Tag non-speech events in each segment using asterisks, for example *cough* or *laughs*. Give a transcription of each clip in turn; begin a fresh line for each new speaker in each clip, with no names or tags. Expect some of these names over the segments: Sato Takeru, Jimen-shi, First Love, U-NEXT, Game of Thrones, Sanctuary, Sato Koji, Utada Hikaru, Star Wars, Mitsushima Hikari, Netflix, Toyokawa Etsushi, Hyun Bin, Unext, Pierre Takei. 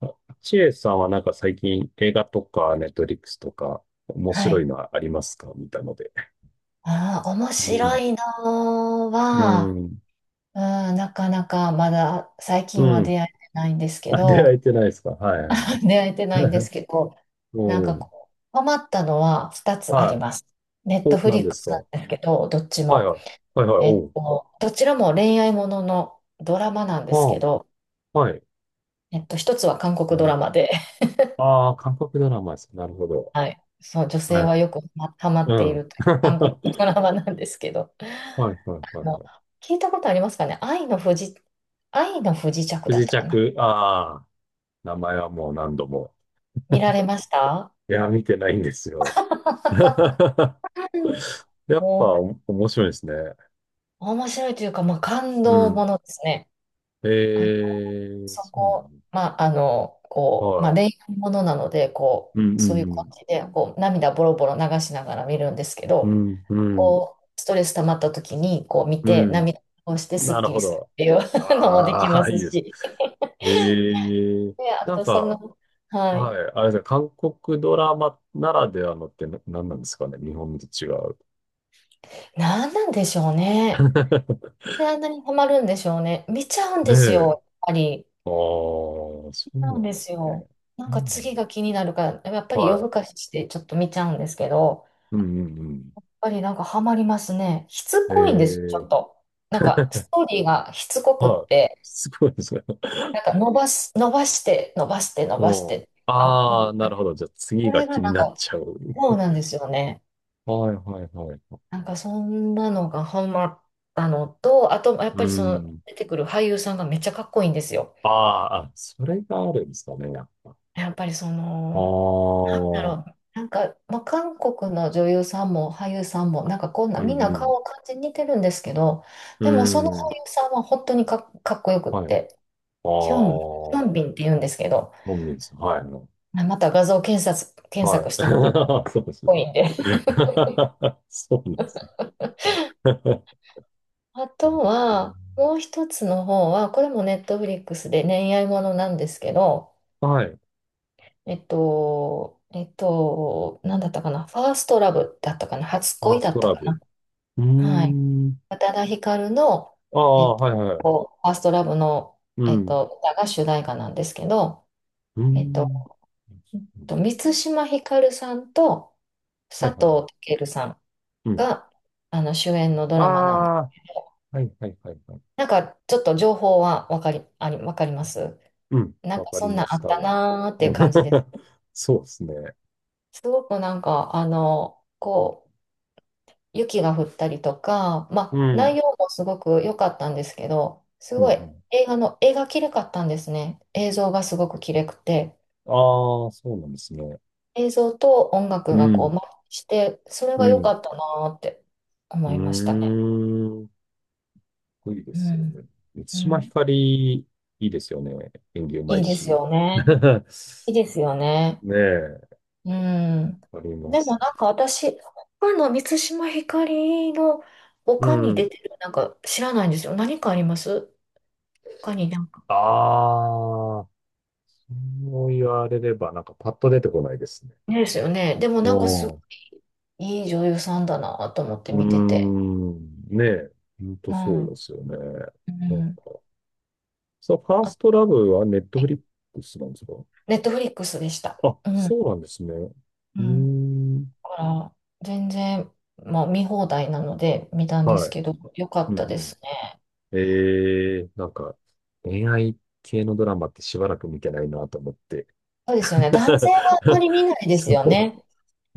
あ、ちえさんは最近映画とかネットリックスとか面
は
白い
い。
のはありますか、見たので？
ああ、面
う
白
ん。
いの
う
は、
ん。
うん、なかなかまだ最近は
うん。
出会えてないんですけ
あ、出会え
ど、
てないですか、はいはい。
*laughs* 出会えてないんで
*laughs*
すけど、なん
う
か
ん。
こう、ハマったのは2つあり
は
ます。ネッ
い。
ト
お、
フ
何
リッ
で
ク
す
ス
か、
なん
は
ですけど、どっち
いはい。は
も。
いはい。おう。
どちらも恋愛もののドラマなんで
あ
すけ
あ、
ど、
はい。
一つは韓
う
国ドラ
ん、
マで、*laughs*
ああ、韓国ドラマです。なるほど。
はい。そう、女
は
性
いは
はよくハマハマ
い。う
ってい
ん。
ると
*laughs*
いう韓国
はい
ドラマなんですけど。
はいはいは
の
い。
聞いたことありますかね、愛の不時、愛の不時着
不
だ
時
ったか
着。
な。
ああ、名前はもう何度も。
見られました？
いや、見てないんですよ。*laughs*
うん
やっぱ
もう、
お面白いですね。
面白いというか、まあ、感
う
動も
ん。
のですね。あ、
ええ、
そ
そうな
こ、まあ、
の。は
恋
い。
愛ものなので、こ
うん
う、
う
そういう感
ん
じで、こう、涙ボロボロ流しながら見るんですけ
う
ど、
ん。うんうん
こう、ストレス溜まった時に、こう、見
う
て、
ん。
涙をしてス
な
ッ
る
キ
ほ
リする
ど。
っていう *laughs* のもでき
あ
ま
あ、*laughs* い
す
いです。
し。
ええ、
で、あ
なん
と、そ
か、
の、は
は
い。
い、あれですね、韓国ドラマならではのってな何なんですかね、日本と違う。
何なんでしょうね。
*laughs*
で、あんなにハマるんでしょうね。見ちゃうん
ね
ですよ、や
え。
っぱり。
ああ、そう
見ちゃうん
なん
で
です
す
ね。
よ。なん
な
か
んだろ
次が気になるから、やっぱ
う。
り夜
はい。
更かししてちょっと見ちゃうんですけど、やっ
うんうんうん。
ぱりなんかハマりますね。しつこいんですち
え、
ょっと。なんかストーリーがしつこくっ
はい。
て、
すごいですね。
なんか伸ばし、伸ばして、伸ばして、伸
う
ばし
ん。
て。あ、こ
ああ、なるほど。じゃあ次
そ
が
れが
気に
なん
なっ
か、
ちゃう。
そうなんですよね。
はいはいはい。
なんかそんなのがハマったのと、あと、やっ
う
ぱりその
ん。
出てくる俳優さんがめっちゃかっこいいんですよ。
ああ、あ、それがあるんですかね、やっぱ。あ
やっぱりそ
あ、
の、なんだ
う
ろ
ん
う。なんか、まあ、韓国の女優さんも俳優さんも、なんかこんな、
う
みんな
ん。
顔感じ似てるんですけど、
う
でもその俳
ん。
優さんは本当にか、かっこよくっ
はい。あ
て、ヒョン、ヒョン
あ、
ビンって言うんですけど、
飲みです。はい。
あまた画像検索、検
は
索
い。
してみてください。かっ
*laughs* そうですね。
こいいんで。
*laughs* そうです *laughs*
*laughs* あ
うん、
とは、もう一つの方は、これもネットフリックスで恋愛ものなんですけど、
はい。フ
えっと、なんだったかな、ファーストラブだったかな、初
ァー
恋
ス
だっ
ト
た
ラ
か
ブ。
な。
うー
はい。
ん。
宇多田ヒカルの、
あ
えっ
あ、はいはい。
ファーストラブの、
うん。
歌が主題歌なんですけど、
うー
えっと、
ん。
えっと満島ひかるさんと
は
佐
いはいはい。
藤健さん
うん。
があの主演のド
あ
ラマなんで、
あ、はいはいはいはい。
なんかちょっと情報はわかり、あり、わかります？
うん。
なん
わ
か
か
そ
り
んな
ま
んあ
す、
っ
多
た
分。うん
なーっていう感じです。
*laughs* そうですね。
すごくなんか、あの、こう、雪が降ったりとか、ま
う
あ、内
ん。
容もすごく良かったんですけど、す
うんう
ごい
ん。
映画の、映画きれかったんですね。映像がすごくきれくて、
ああ、そうなんですね。
映像と音
う
楽がこう、
ん。
マッチして、それ
う
が良か
ん。
ったなーって思いました
う
ね。
ーん。いいで
う
すよ
ん。
ね。満
う
島ひ
ん。
かり、いいですよね。演技うま
い
い
いです
し。
よね。
*laughs*
いいですよね。
ねえ、
うん。
ありま
でも
す。
なんか私、他の満島ひかりの
う
他に出
ん。
てるなんか知らないんですよ。何かあります？他になんか。
ああ、そう言われれば、パッと出てこないですね。
ねですよね。でも
お
なんかす
ー、
いい女優さんだなと思っ
う
て
ー
見てて。
ん、ねえ、ほんと
う
そうで
ん。
すよね。
う
なんか、
ん。
そのファースト
あ、
ラブはネットフリックスなんですか？
ネットフリックスでした。
あ、
うん。
そうなんですね。う
う
ー
ん。だ
ん、
から、全然、まあ、見放題なので見たんです
はい。
けど、よかっ
うん
たで
う
すね。
ん、えー、恋愛系のドラマってしばらく見てないなと思って。
そうですよね。男性はあまり見
*laughs*
ないです
そ
よ
う。
ね。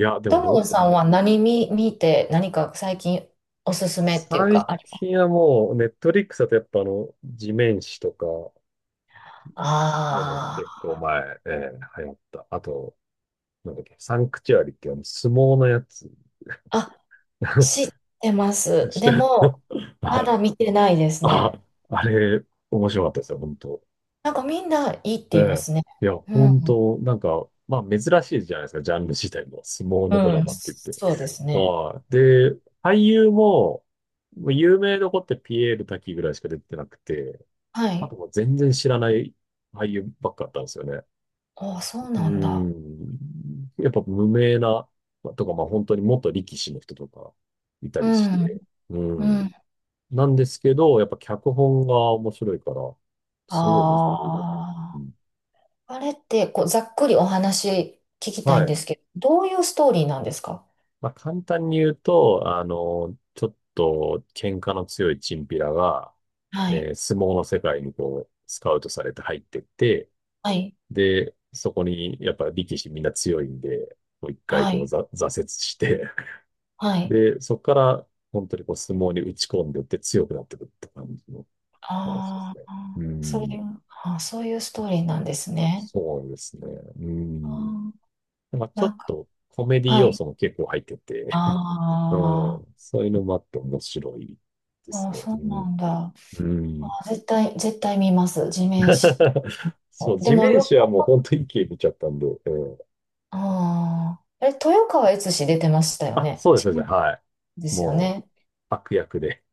いや、で
友
も、
野
う
さ
ん、
んは何見、見て、何か最近おすすめっていう
最
か、あります？
近はもう、ネットフリックスだとやっぱ地面師とか、ね、結
あ
構前、流行った。あと、なんだっけ、サンクチュアリって相撲のやつ。
あ。あ、知っ
*laughs*
てます。
して、
でも、ま
は
だ
い、
見てないです
あ、
ね。
あれ、面白かったですよ、本当。
なんかみんないいっ
え
て言いま
え。
すね。
いや、
うん
本当、まあ珍しいじゃないですか、ジャンル自体も。相撲
う
のドラ
ん、
マって言って。
そうですね。
はい。で、俳優も、もう有名どこってピエール瀧ぐらいしか出てなくて、
は
あ
い。
ともう全然知らない俳優ばっかだったんですよね。
ああ、そうな
う
んだ。
ん。やっぱ無名な、まあとか、まあ本当に元力士の人とかいた
う
りし
ん、
て。う
う
ん。
ん。
なんですけど、やっぱ脚本が面白いから、すごい面白い。う
あ
ん、
あ、あれって、こう、ざっくりお話聞きた
は
いん
い。
ですけど、どういうストーリーなんですか？
まあ簡単に言うと、ちょっと喧嘩の強いチンピラが、
はい、
相撲の世界にスカウトされて入ってって、
はい、
で、そこにやっぱ力士みんな強いんで、もう一回
は
こう、
い、
ざ、挫折して、
はい。
で、そこから、本当にこう、相撲に打ち込んでいって強くなってくるって感じの話で
あ
すね。う
あ、そう
ん。
いう、ああ、そういうス
あ、
トーリー
そう
な
そ
んで
う
すね。
そうですね。う
ああ、
ん。ちょ
な
っ
んか、
とコメディ
は
要
い。
素も結構入ってて、
あ
*laughs* うん。そういうのもあって面白いで
あ、あ
す
あ、
ね。
そ
う
うな
ん。
んだ。
う
あ
ん。
あ、絶対、絶対見ます。地面師。
*laughs* そう、
で
地
も
面
よ
師
く、
はもう本当に一気に見ちゃったんで、うん、
ああ。え、豊川悦司出てましたよ
あ、
ね。
そうです、そう
違
で
う
す。
ん
はい。
ですよ
も
ね。
う、悪役で。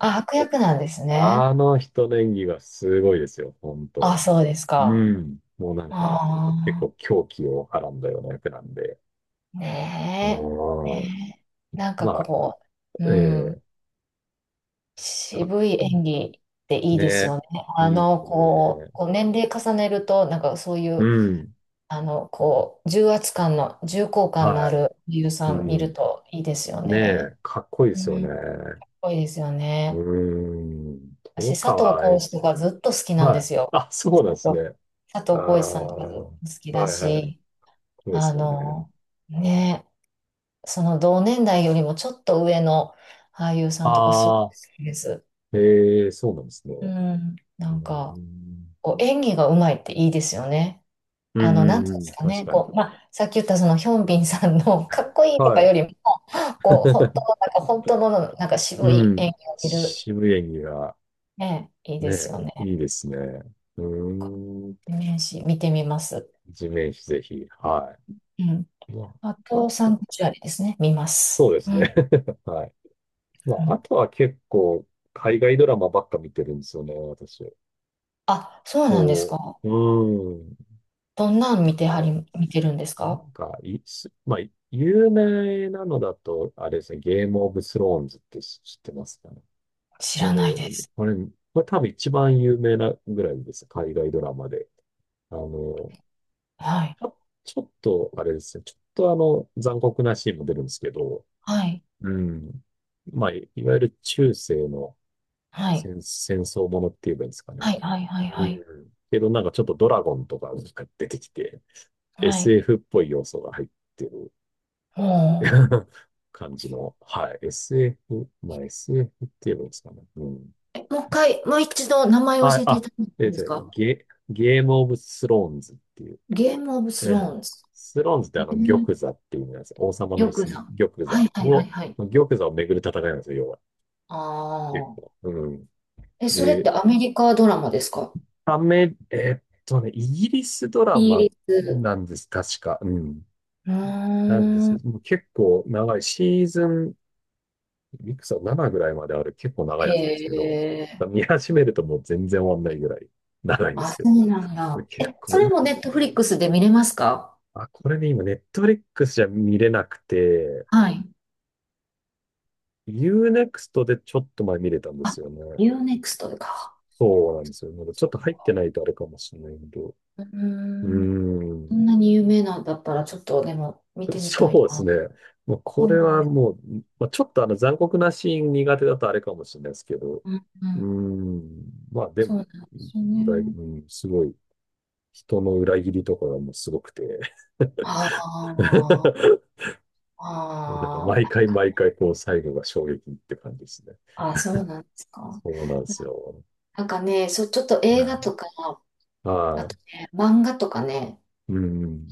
あ、悪役なんですね。
あの人の演技がすごいですよ、本当。
あ、そうですか。
うん。もう結
あ
構狂気をはらんだような役なんで。
あ。ねえ。
うん。
ね、えなんか
まあ、
こう、う
ええ、
ん、
かっ
渋い
こい
演技
い。
っていいです
ね。
よね。あ
いいで
の、
す
こう、
ね。
こう年齢重ねると、なんかそうい
う
う、
ん。
あの、こう、重圧感の、重厚感のあ
は
る俳優
い。
さ
う
ん見る
ん。
といいですよ
ね
ね。
え、かっこいいで
う
すよね。
ん、す
う
ごいですよ
ー
ね。
ん。豊
私、佐藤
川悦
浩市と
司。
かずっと好きなんで
はい。
すよ。
あ、そうなんですね。
佐
ああ、
藤浩市さんとか好
は
き
い
だ
はい。かっ
し、
こいいで
あ
すよね。
の、ね、その同年代よりもちょっと上の俳優さんとかすごい
あ
好
あ、
きです。
ええ、そうなんですね。
う
う
ん、な
ー
んか、
ん。
こう演技がうまいっていいですよね。
う
あ
ん
の、な
う
ん
ん
て
う
いうんで
ん。
すか
確
ね、
かに。
こう、まあ、さっき言ったそのヒョンビンさんの *laughs* かっこいいとか
は
よ
い。
りも、こう、本当の、
*laughs*
なんか本当の、なんか渋
う
い
ん。
演技を見る、
渋谷が、
ね、いいです
ね、
よね。
いいですね。う
こ
ーん。
う年始見てみます。
地面師ぜひ。は
うん。
い。ま
あ
あ、あ
と、
と
サ
は、
ンクチュアリですね、見ま
そう
す。
で
う
す
ん。
ね。*laughs* はい。ま
う
あ、あ
ん、
とは結構、海外ドラマばっか見てるんですよね、私。
あ、そうなんです
こ
か。
う、うーん。
どんなん見てはり、
こ
見てるんです
う、
か？
まあ、有名なのだと、あれですね、ゲームオブスローンズって知ってますかね。
知ら
こ
ない
れ、
です。
あれ、これ多分一番有名なぐらいです。海外ドラマで。あの、
はい。
ちょ、ちょっと、あれですね。ちょっと残酷なシーンも出るんですけど、
はい。
うん。まあ、いいわゆる中世の
はい。
戦、戦争ものって言えばいいんですかね。
はい。はい。はい。
う
はい。
ん。けどちょっとドラゴンとかが出てきて、
はい。
SF っぽい要素が入ってる
も
*laughs* 感じの、はい。SF、まあ SF って言えばいいんですかね。うん。
う。え、もう一回、もう一度名前を
あ、
教えてい
あ、
ただけ
え
てん
っ
で
と
す
ね、
か？
ゲ、ゲームオブスローンズっていう、
ゲームオブ
え
スロ
え、
ーンズ。
スローンズって
え
あの、
ー、
玉座っていう意味なんですよ。王様
り
の
ょ
椅
く
子の
さん。
玉
はい。
座
はい。はい。
を、
はい。
玉座をめぐる戦いなんですよ、要は。
あ
結
あ。
構。うん。
え、それっ
で、
てアメリカドラマですか？
アメ、えっとね、イギリスドラ
イギ
マ
リス。
なんです、確か。うん。
う
なんです
ー
け
ん。
ど、もう結構長い、シーズン、いくつだ、7ぐらいまである結構長い
へ
やつなんですけど、
え。
見始めるともう全然終わんないぐらい長いんで
あ、
す
そ
け
うなん
ど、
だ。
結
え、
構
そ
い
れも
い。
ネットフリックスで見れますか？
あ、これね、今、ネットフリックスじゃ見れなくて、
はい。
Unext でちょっと前見れたんです
あ、
よね。
UNEXT か。
そうなんですよ。まだちょっと
そ
入ってないとあれかもしれないけど。
うう
う
ーん。
ー
そん
ん。
なに有名なんだったら、ちょっとでも見てみた
そ
い
うです
な。
ね。もう
そ
こ
う
れ
なん
は
です。
もう、まあ、ちょっと残酷なシーン苦手だとあれかもしれないですけど。
うん、う
うー
ん。
ん。まあで
そう
も、
なんですよ
だい、
ね。
うん、すごい、人の裏切りとかがもうすごくて。*laughs*
ああ、
もう毎
あ
回毎回こう最後が衝撃って感じですね。
あ、あ、そうなんですか。
そうなんで
な、
すよ。
なんかね、そう、ちょっと
う
映画と
ん、
か、あ
は
とね、漫画とかね、
い。う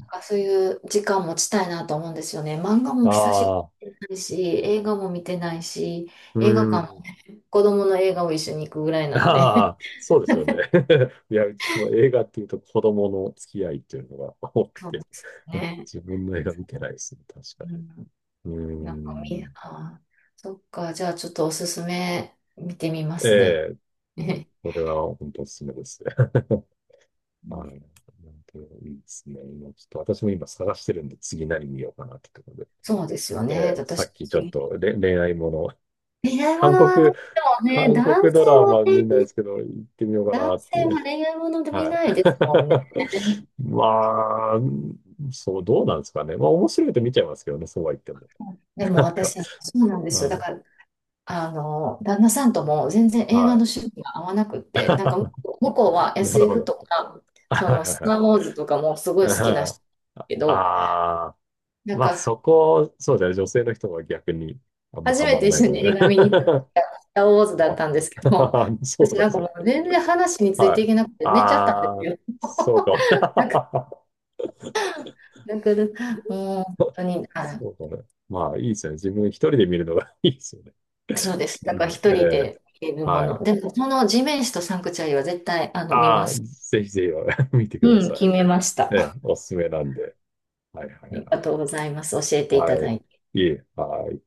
なんかそういう時間持ちたいなと思うんですよね。漫画も
あ
久しぶ
あ、
りに見てないし、映画も見てないし、
う
映画館も
ん。
子供の映画を一緒に行くぐらいなんで。*laughs*
ああ、そうですよね。*laughs* いや、うちも映画っていうと子供の付き合いっていうのが多く
そうで
て、
す
*laughs*
ね。
自分の映画見てないですね、確か
う
に。
ん、
う
なんかみ、
ん。
あー、そっか、じゃあちょっとおすすめ見てみま
え
すね。
え、
*laughs*
これは本当おすすめですね。*laughs* はい。なんていいですね。今ちょっと私も今探してるんで、次何見ようかなってところで。
そうですよ
え
ね。
え、さ
私、
っきちょっ
次
とれ恋愛もの、
恋愛も
韓
のはね、
国、
でもね、
韓
男
国ドラマ
性
見な
は
い
ね、
ですけど、行ってみようか
男
なってい
性
う。
は恋愛もので見
は
ないですもんね。
い。*laughs* まあ、そう、どうなんですかね。まあ、面白いと見ちゃいますけどね、そうは言っても。
で
*laughs*
も
なん
私、
か、
そうなんで
う
すよ。だ
ん、
から、あの、旦那さんとも全然映画
は
の趣味が合わなくって、なんか向こうは
い。*laughs* なるほ
SF
ど。
とか、その、スタ
は
ー・
い
ウォーズとかもすごい
は
好
いは
きな人
い。
だけど、
ああ
な
ー、
ん
まあ
か、
そこ、そうだね、女性の人が逆にあんま
初
ハ
め
マ
て
んない
一緒
かも
に
し
映
れな
画見に行った時
い。
がスター・ウォーズ
*laughs*
だ
ま
ったんですけど、
あ *laughs* そう
私
なん
な
で
ん
す
かも
よ。
う全然話について
は
い
い。
けなくて寝ちゃったんで
あ
す
あ、
よ。*laughs*
そうかも。
だから、
*laughs*
もう本当に、あ、
そうだね。まあ、いいですよね。自分一人で見るのが *laughs* いいですよね。
そうです。
う
だから
ん、
一
え
人
え、
で見るも
は
の。
い。
でも、この地面師とサンクチュアリは絶対、あの、見ま
ああ、
す。
ぜひぜひ *laughs* 見てくだ
うん、
さ
決
い。
めました。
ええ、
あ
おすすめなんで。はいはい
り
は
が
い。
とうございます。教えていた
は
だ
い。
いて。
いえ、はい。